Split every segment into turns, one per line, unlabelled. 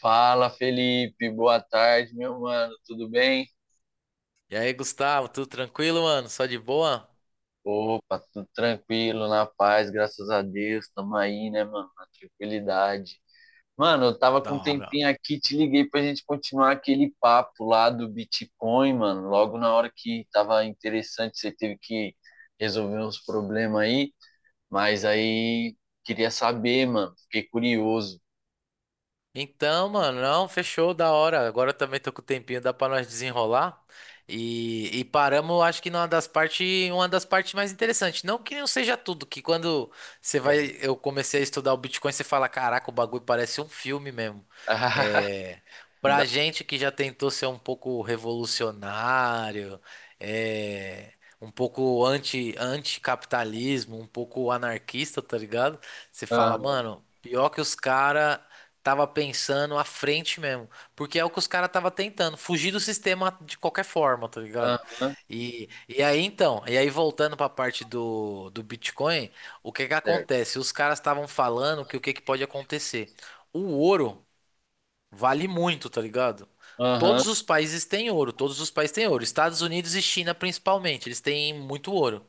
Fala, Felipe. Boa tarde, meu mano. Tudo bem?
E aí, Gustavo, tudo tranquilo, mano? Só de boa?
Opa, tudo tranquilo, na paz, graças a Deus. Tamo aí, né, mano? Na tranquilidade. Mano, eu
Pô,
tava
da
com um
hora.
tempinho aqui, te liguei pra gente continuar aquele papo lá do Bitcoin, mano. Logo na hora que tava interessante, você teve que resolver uns problemas aí, mas aí queria saber, mano. Fiquei curioso.
Então, mano, não, fechou, da hora. Agora eu também tô com o tempinho, dá pra nós desenrolar. E paramos, acho que numa das partes, uma das partes mais interessantes. Não que não seja tudo, que quando você vai, eu comecei a estudar o Bitcoin, você fala, caraca, o bagulho parece um filme mesmo. É,
Me
pra
dá-
gente que já tentou ser um pouco revolucionário, é, um pouco anticapitalismo, um pouco anarquista, tá ligado? Você fala,
Aham,
mano, pior que os caras tava pensando à frente mesmo. Porque é o que os caras tava tentando, fugir do sistema de qualquer forma, tá ligado?
aham,
E aí voltando para a parte do Bitcoin, o que que
certo.
acontece? Os caras estavam falando que o que que pode acontecer? O ouro vale muito, tá ligado?
Aham,
Todos os países têm ouro, todos os países têm ouro. Estados Unidos e China principalmente, eles têm muito ouro.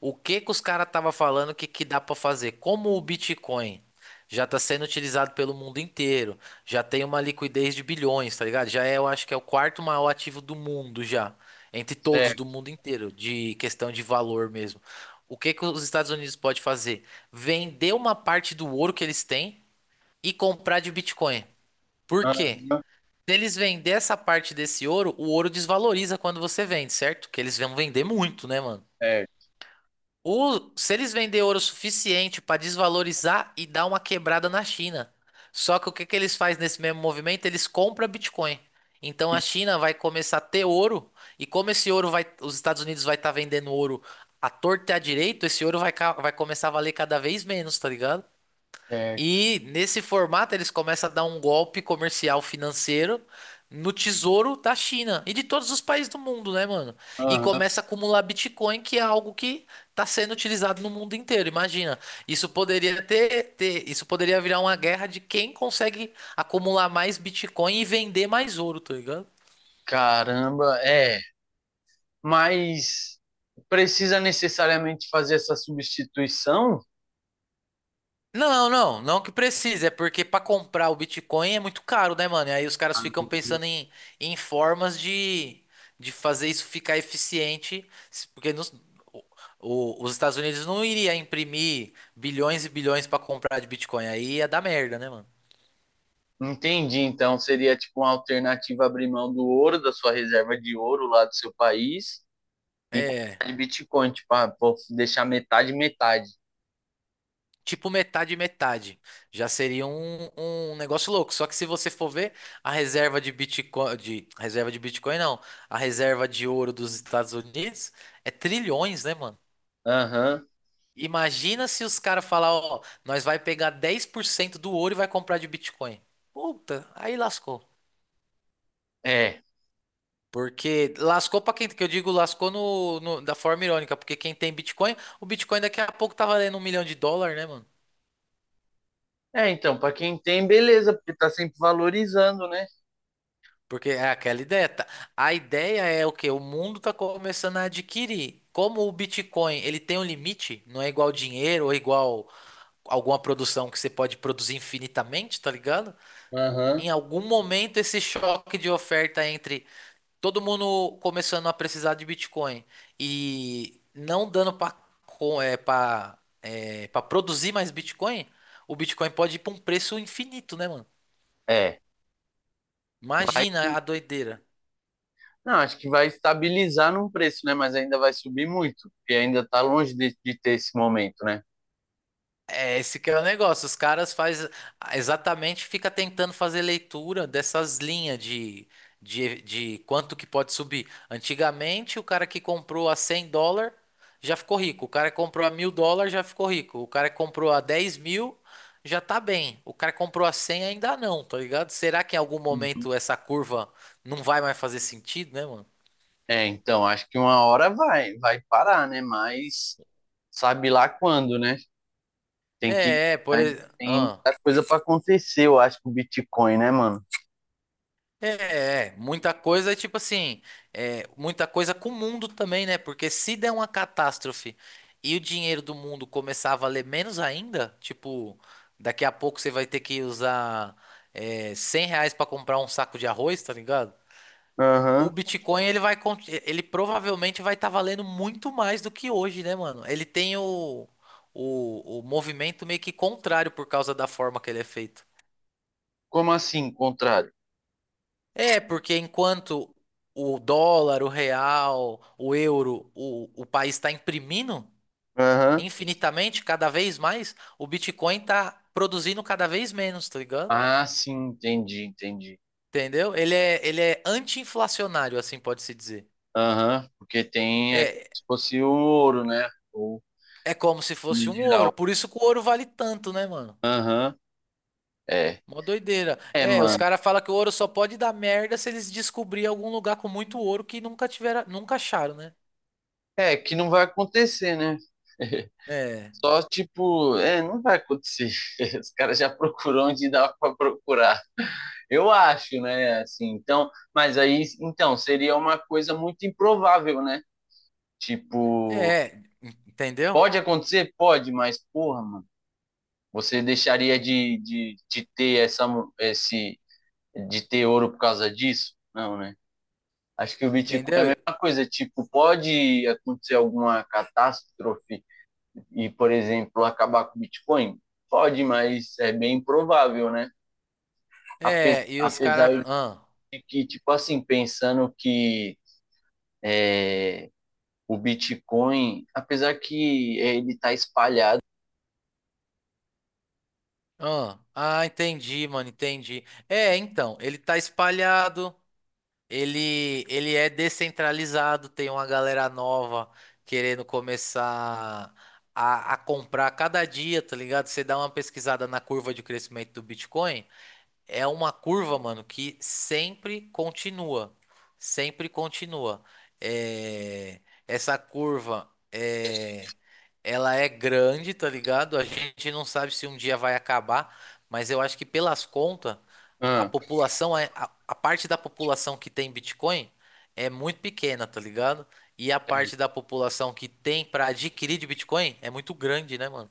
O que que os caras estavam falando que dá para fazer? Como o Bitcoin já está sendo utilizado pelo mundo inteiro, já tem uma liquidez de bilhões, tá ligado? Já é, eu acho que é o quarto maior ativo do mundo já, entre todos do
certo.
mundo inteiro, de questão de valor mesmo. O que que os Estados Unidos pode fazer? Vender uma parte do ouro que eles têm e comprar de Bitcoin. Por quê?
Aham,
Se eles vender essa parte desse ouro, o ouro desvaloriza quando você vende, certo? Que eles vão vender muito, né, mano?
certo.
Se eles vender ouro suficiente para desvalorizar e dar uma quebrada na China. Só que o que que eles fazem nesse mesmo movimento? Eles compram Bitcoin. Então a China vai começar a ter ouro e como esse ouro vai, os Estados Unidos vai estar vendendo ouro à torta e à direita, esse ouro vai, vai começar a valer cada vez menos, tá ligado?
É,
E nesse formato eles começam a dar um golpe comercial financeiro no tesouro da China e de todos os países do mundo, né, mano? E
aham,
começa a acumular Bitcoin, que é algo que está sendo utilizado no mundo inteiro. Imagina, isso poderia isso poderia virar uma guerra de quem consegue acumular mais Bitcoin e vender mais ouro, tá ligado?
caramba, é. Mas precisa necessariamente fazer essa substituição?
Não, não, não que precise, é porque para comprar o Bitcoin é muito caro, né, mano? E aí os caras ficam pensando em, em formas de fazer isso ficar eficiente, porque o- os Estados Unidos não iria imprimir bilhões e bilhões para comprar de Bitcoin, aí ia dar merda, né, mano?
Entendi. Então seria tipo uma alternativa abrir mão do ouro, da sua reserva de ouro lá do seu país e comprar
É,
de Bitcoin, tipo, ah, vou deixar metade, metade.
tipo metade e metade. Já seria um negócio louco. Só que se você for ver, a reserva de Bitcoin, de reserva de Bitcoin não, a reserva de ouro dos Estados Unidos é trilhões, né, mano?
Aham,
Imagina se os caras falar, ó, nós vai pegar 10% do ouro e vai comprar de Bitcoin. Puta, aí lascou.
é.
Porque lascou pra quem, que eu digo, lascou da forma irônica, porque quem tem Bitcoin, o Bitcoin daqui a pouco tá valendo um milhão de dólar, né, mano?
É, então, para quem tem, beleza, porque tá sempre valorizando, né?
Porque é aquela ideia, tá? A ideia é o quê? O mundo tá começando a adquirir. Como o Bitcoin, ele tem um limite, não é igual dinheiro ou igual alguma produção que você pode produzir infinitamente, tá ligado? Em
Aham.
algum momento esse choque de oferta entre todo mundo começando a precisar de Bitcoin e não dando para para produzir mais Bitcoin, o Bitcoin pode ir para um preço infinito, né, mano?
É.
Imagina a doideira.
Não, acho que vai estabilizar num preço, né? Mas ainda vai subir muito, porque ainda está longe de ter esse momento, né?
É esse que é o negócio. Os caras faz exatamente fica tentando fazer leitura dessas linhas de quanto que pode subir. Antigamente, o cara que comprou a 100 dólar já ficou rico. O cara que comprou a 1000 dólares já ficou rico. O cara que comprou a 10 mil já tá bem. O cara que comprou a 100 ainda não, tá ligado? Será que em algum
Uhum.
momento essa curva não vai mais fazer sentido, né, mano?
É, então, acho que uma hora vai parar, né? Mas sabe lá quando, né? Tem que.
É, é, por
Ainda
exemplo.
Tem muita coisa para acontecer, eu acho, com o Bitcoin, né, mano?
É, é, muita coisa, tipo assim, é, muita coisa com o mundo também, né? Porque se der uma catástrofe e o dinheiro do mundo começar a valer menos ainda, tipo, daqui a pouco você vai ter que usar R$ 100 pra comprar um saco de arroz, tá ligado? O
Aham.
Bitcoin, ele vai, ele provavelmente vai estar valendo muito mais do que hoje, né, mano? Ele tem o movimento meio que contrário por causa da forma que ele é feito.
Como assim, contrário?
É, porque enquanto o dólar, o real, o euro, o país está imprimindo
Aham.
infinitamente, cada vez mais, o Bitcoin está produzindo cada vez menos, tá ligado?
Ah, sim, entendi, entendi.
Entendeu? Ele é anti-inflacionário, assim pode-se dizer.
Aham. Porque tem. É como
É,
se fosse o ouro, né? Ou
é como se
o
fosse um ouro.
mineral.
Por isso que o ouro vale tanto, né, mano?
Aham. É.
Uma doideira.
É,
É, os
mano.
caras falam que o ouro só pode dar merda se eles descobrirem algum lugar com muito ouro que nunca tiveram, nunca acharam, né?
É, que não vai acontecer, né?
É,
Só tipo, é, não vai acontecer. Os caras já procuram onde dá para procurar. Eu acho, né? Assim, então, mas aí, então, seria uma coisa muito improvável, né? Tipo,
é, entendeu?
pode acontecer? Pode, mas porra, mano, você deixaria de ter esse, de ter ouro por causa disso? Não, né? Acho que o Bitcoin é
Entendeu?
a mesma coisa. Tipo, pode acontecer alguma catástrofe e, por exemplo, acabar com o Bitcoin? Pode, mas é bem improvável, né?
É,
Apesar,
e os caras.
apesar de que, tipo assim, pensando que o Bitcoin, apesar que ele tá espalhado.
Entendi, mano, entendi. É, então, ele tá espalhado, ele é descentralizado, tem uma galera nova querendo começar a comprar cada dia, tá ligado? Você dá uma pesquisada na curva de crescimento do Bitcoin. É uma curva, mano, que sempre continua. Sempre continua. É, essa curva é... ela é grande, tá ligado? A gente não sabe se um dia vai acabar, mas eu acho que pelas contas,
Ah,
a parte da população que tem Bitcoin é muito pequena, tá ligado? E a parte da população que tem pra adquirir de Bitcoin é muito grande, né, mano?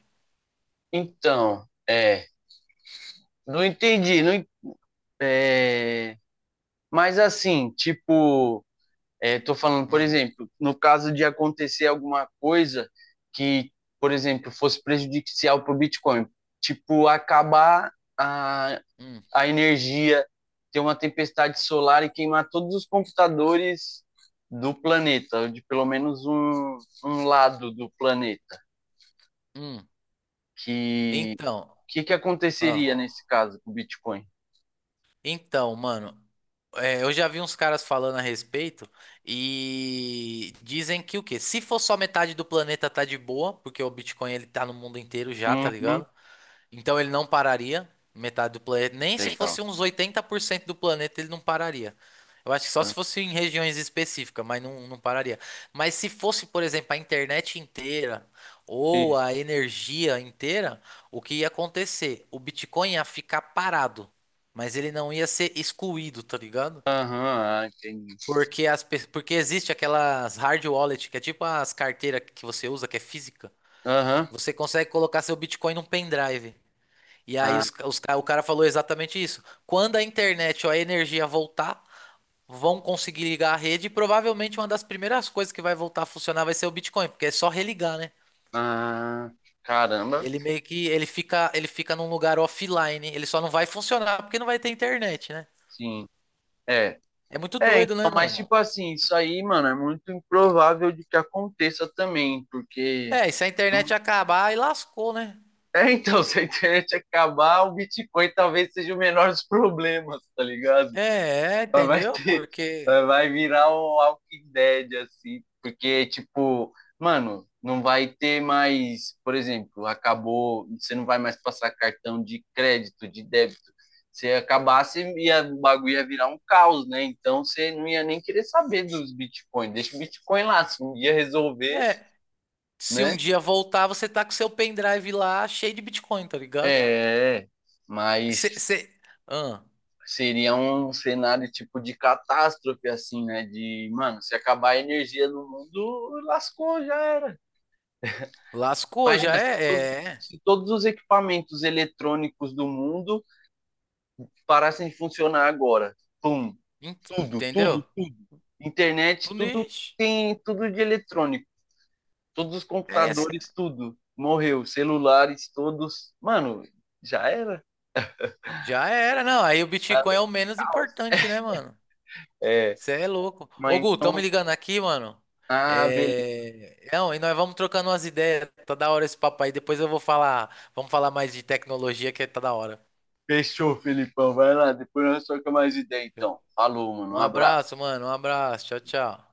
então, é, não entendi, não, é, mas assim, tipo, é, tô falando, por
Hum,
exemplo, no caso de acontecer alguma coisa que, por exemplo, fosse prejudicial para o Bitcoin, tipo, acabar a,
hum,
a energia, ter uma tempestade solar e queimar todos os computadores do planeta, de pelo menos um lado do planeta.
hum.
Que
Então,
que que aconteceria nesse
ah,
caso com o Bitcoin?
então, mano. É, eu já vi uns caras falando a respeito e dizem que o quê? Se for só metade do planeta tá de boa, porque o Bitcoin ele tá no mundo inteiro já, tá
Uhum,
ligado? Então ele não pararia, metade do planeta, nem se
legal.
fosse uns 80% do planeta ele não pararia. Eu acho que só se fosse em regiões específicas, mas não, não pararia. Mas se fosse, por exemplo, a internet inteira ou a energia inteira, o que ia acontecer? O Bitcoin ia ficar parado, mas ele não ia ser excluído, tá ligado?
Aham, uhum, entendi.
Porque, porque existe aquelas hard wallet, que é tipo as carteiras que você usa, que é física.
Aham,
Você consegue colocar seu Bitcoin num pendrive. E aí
ah,
o cara falou exatamente isso. Quando a internet ou a energia voltar, vão conseguir ligar a rede. E provavelmente uma das primeiras coisas que vai voltar a funcionar vai ser o Bitcoin, porque é só religar, né?
ah, caramba,
Ele meio que ele fica num lugar offline. Ele só não vai funcionar porque não vai ter internet, né?
sim, é.
É muito
É,
doido,
então,
né,
mas
mano?
tipo assim, isso aí, mano, é muito improvável de que aconteça também, porque é
É, e se a internet acabar, aí lascou, né?
É, então, se a internet acabar, o Bitcoin talvez seja o menor dos problemas, tá ligado?
É, é,
Mas vai
entendeu?
ter,
Porque
mas vai virar o Walking Dead, assim, porque, tipo, mano, não vai ter mais, por exemplo, acabou, você não vai mais passar cartão de crédito, de débito. Se acabasse, ia, o bagulho ia virar um caos, né? Então você não ia nem querer saber dos Bitcoin. Deixa o Bitcoin lá, se um dia resolver,
é, se um
né?
dia voltar, você tá com seu pendrive lá cheio de Bitcoin, tá
É,
ligado?
é, é. Mas
Você,
seria um cenário tipo de catástrofe, assim, né? De, mano, se acabar a energia no mundo, lascou, já era.
lascou, já
Imagina se
é, é, é.
se todos os equipamentos eletrônicos do mundo parassem de funcionar agora. Pum, tudo,
Entendeu?
tudo, tudo. Internet, tudo
Tunis,
tem tudo de eletrônico. Todos os
é, é,
computadores, tudo. Morreu. Celulares, todos. Mano, já era.
já era, não. Aí o
Tá
Bitcoin é o menos
legal.
importante, né, mano?
É.
Você é louco.
Mas
Ô, Gu, tão me
então.
ligando aqui, mano.
Ah, beleza.
É, é, não, e nós vamos trocando umas ideias. Tá da hora esse papo aí. Depois eu vou falar, vamos falar mais de tecnologia que é, tá da hora.
Fechou, Felipão. Vai lá, depois nós trocamos mais ideia, então. Falou, mano. Um
Um
abraço.
abraço, mano. Um abraço. Tchau, tchau.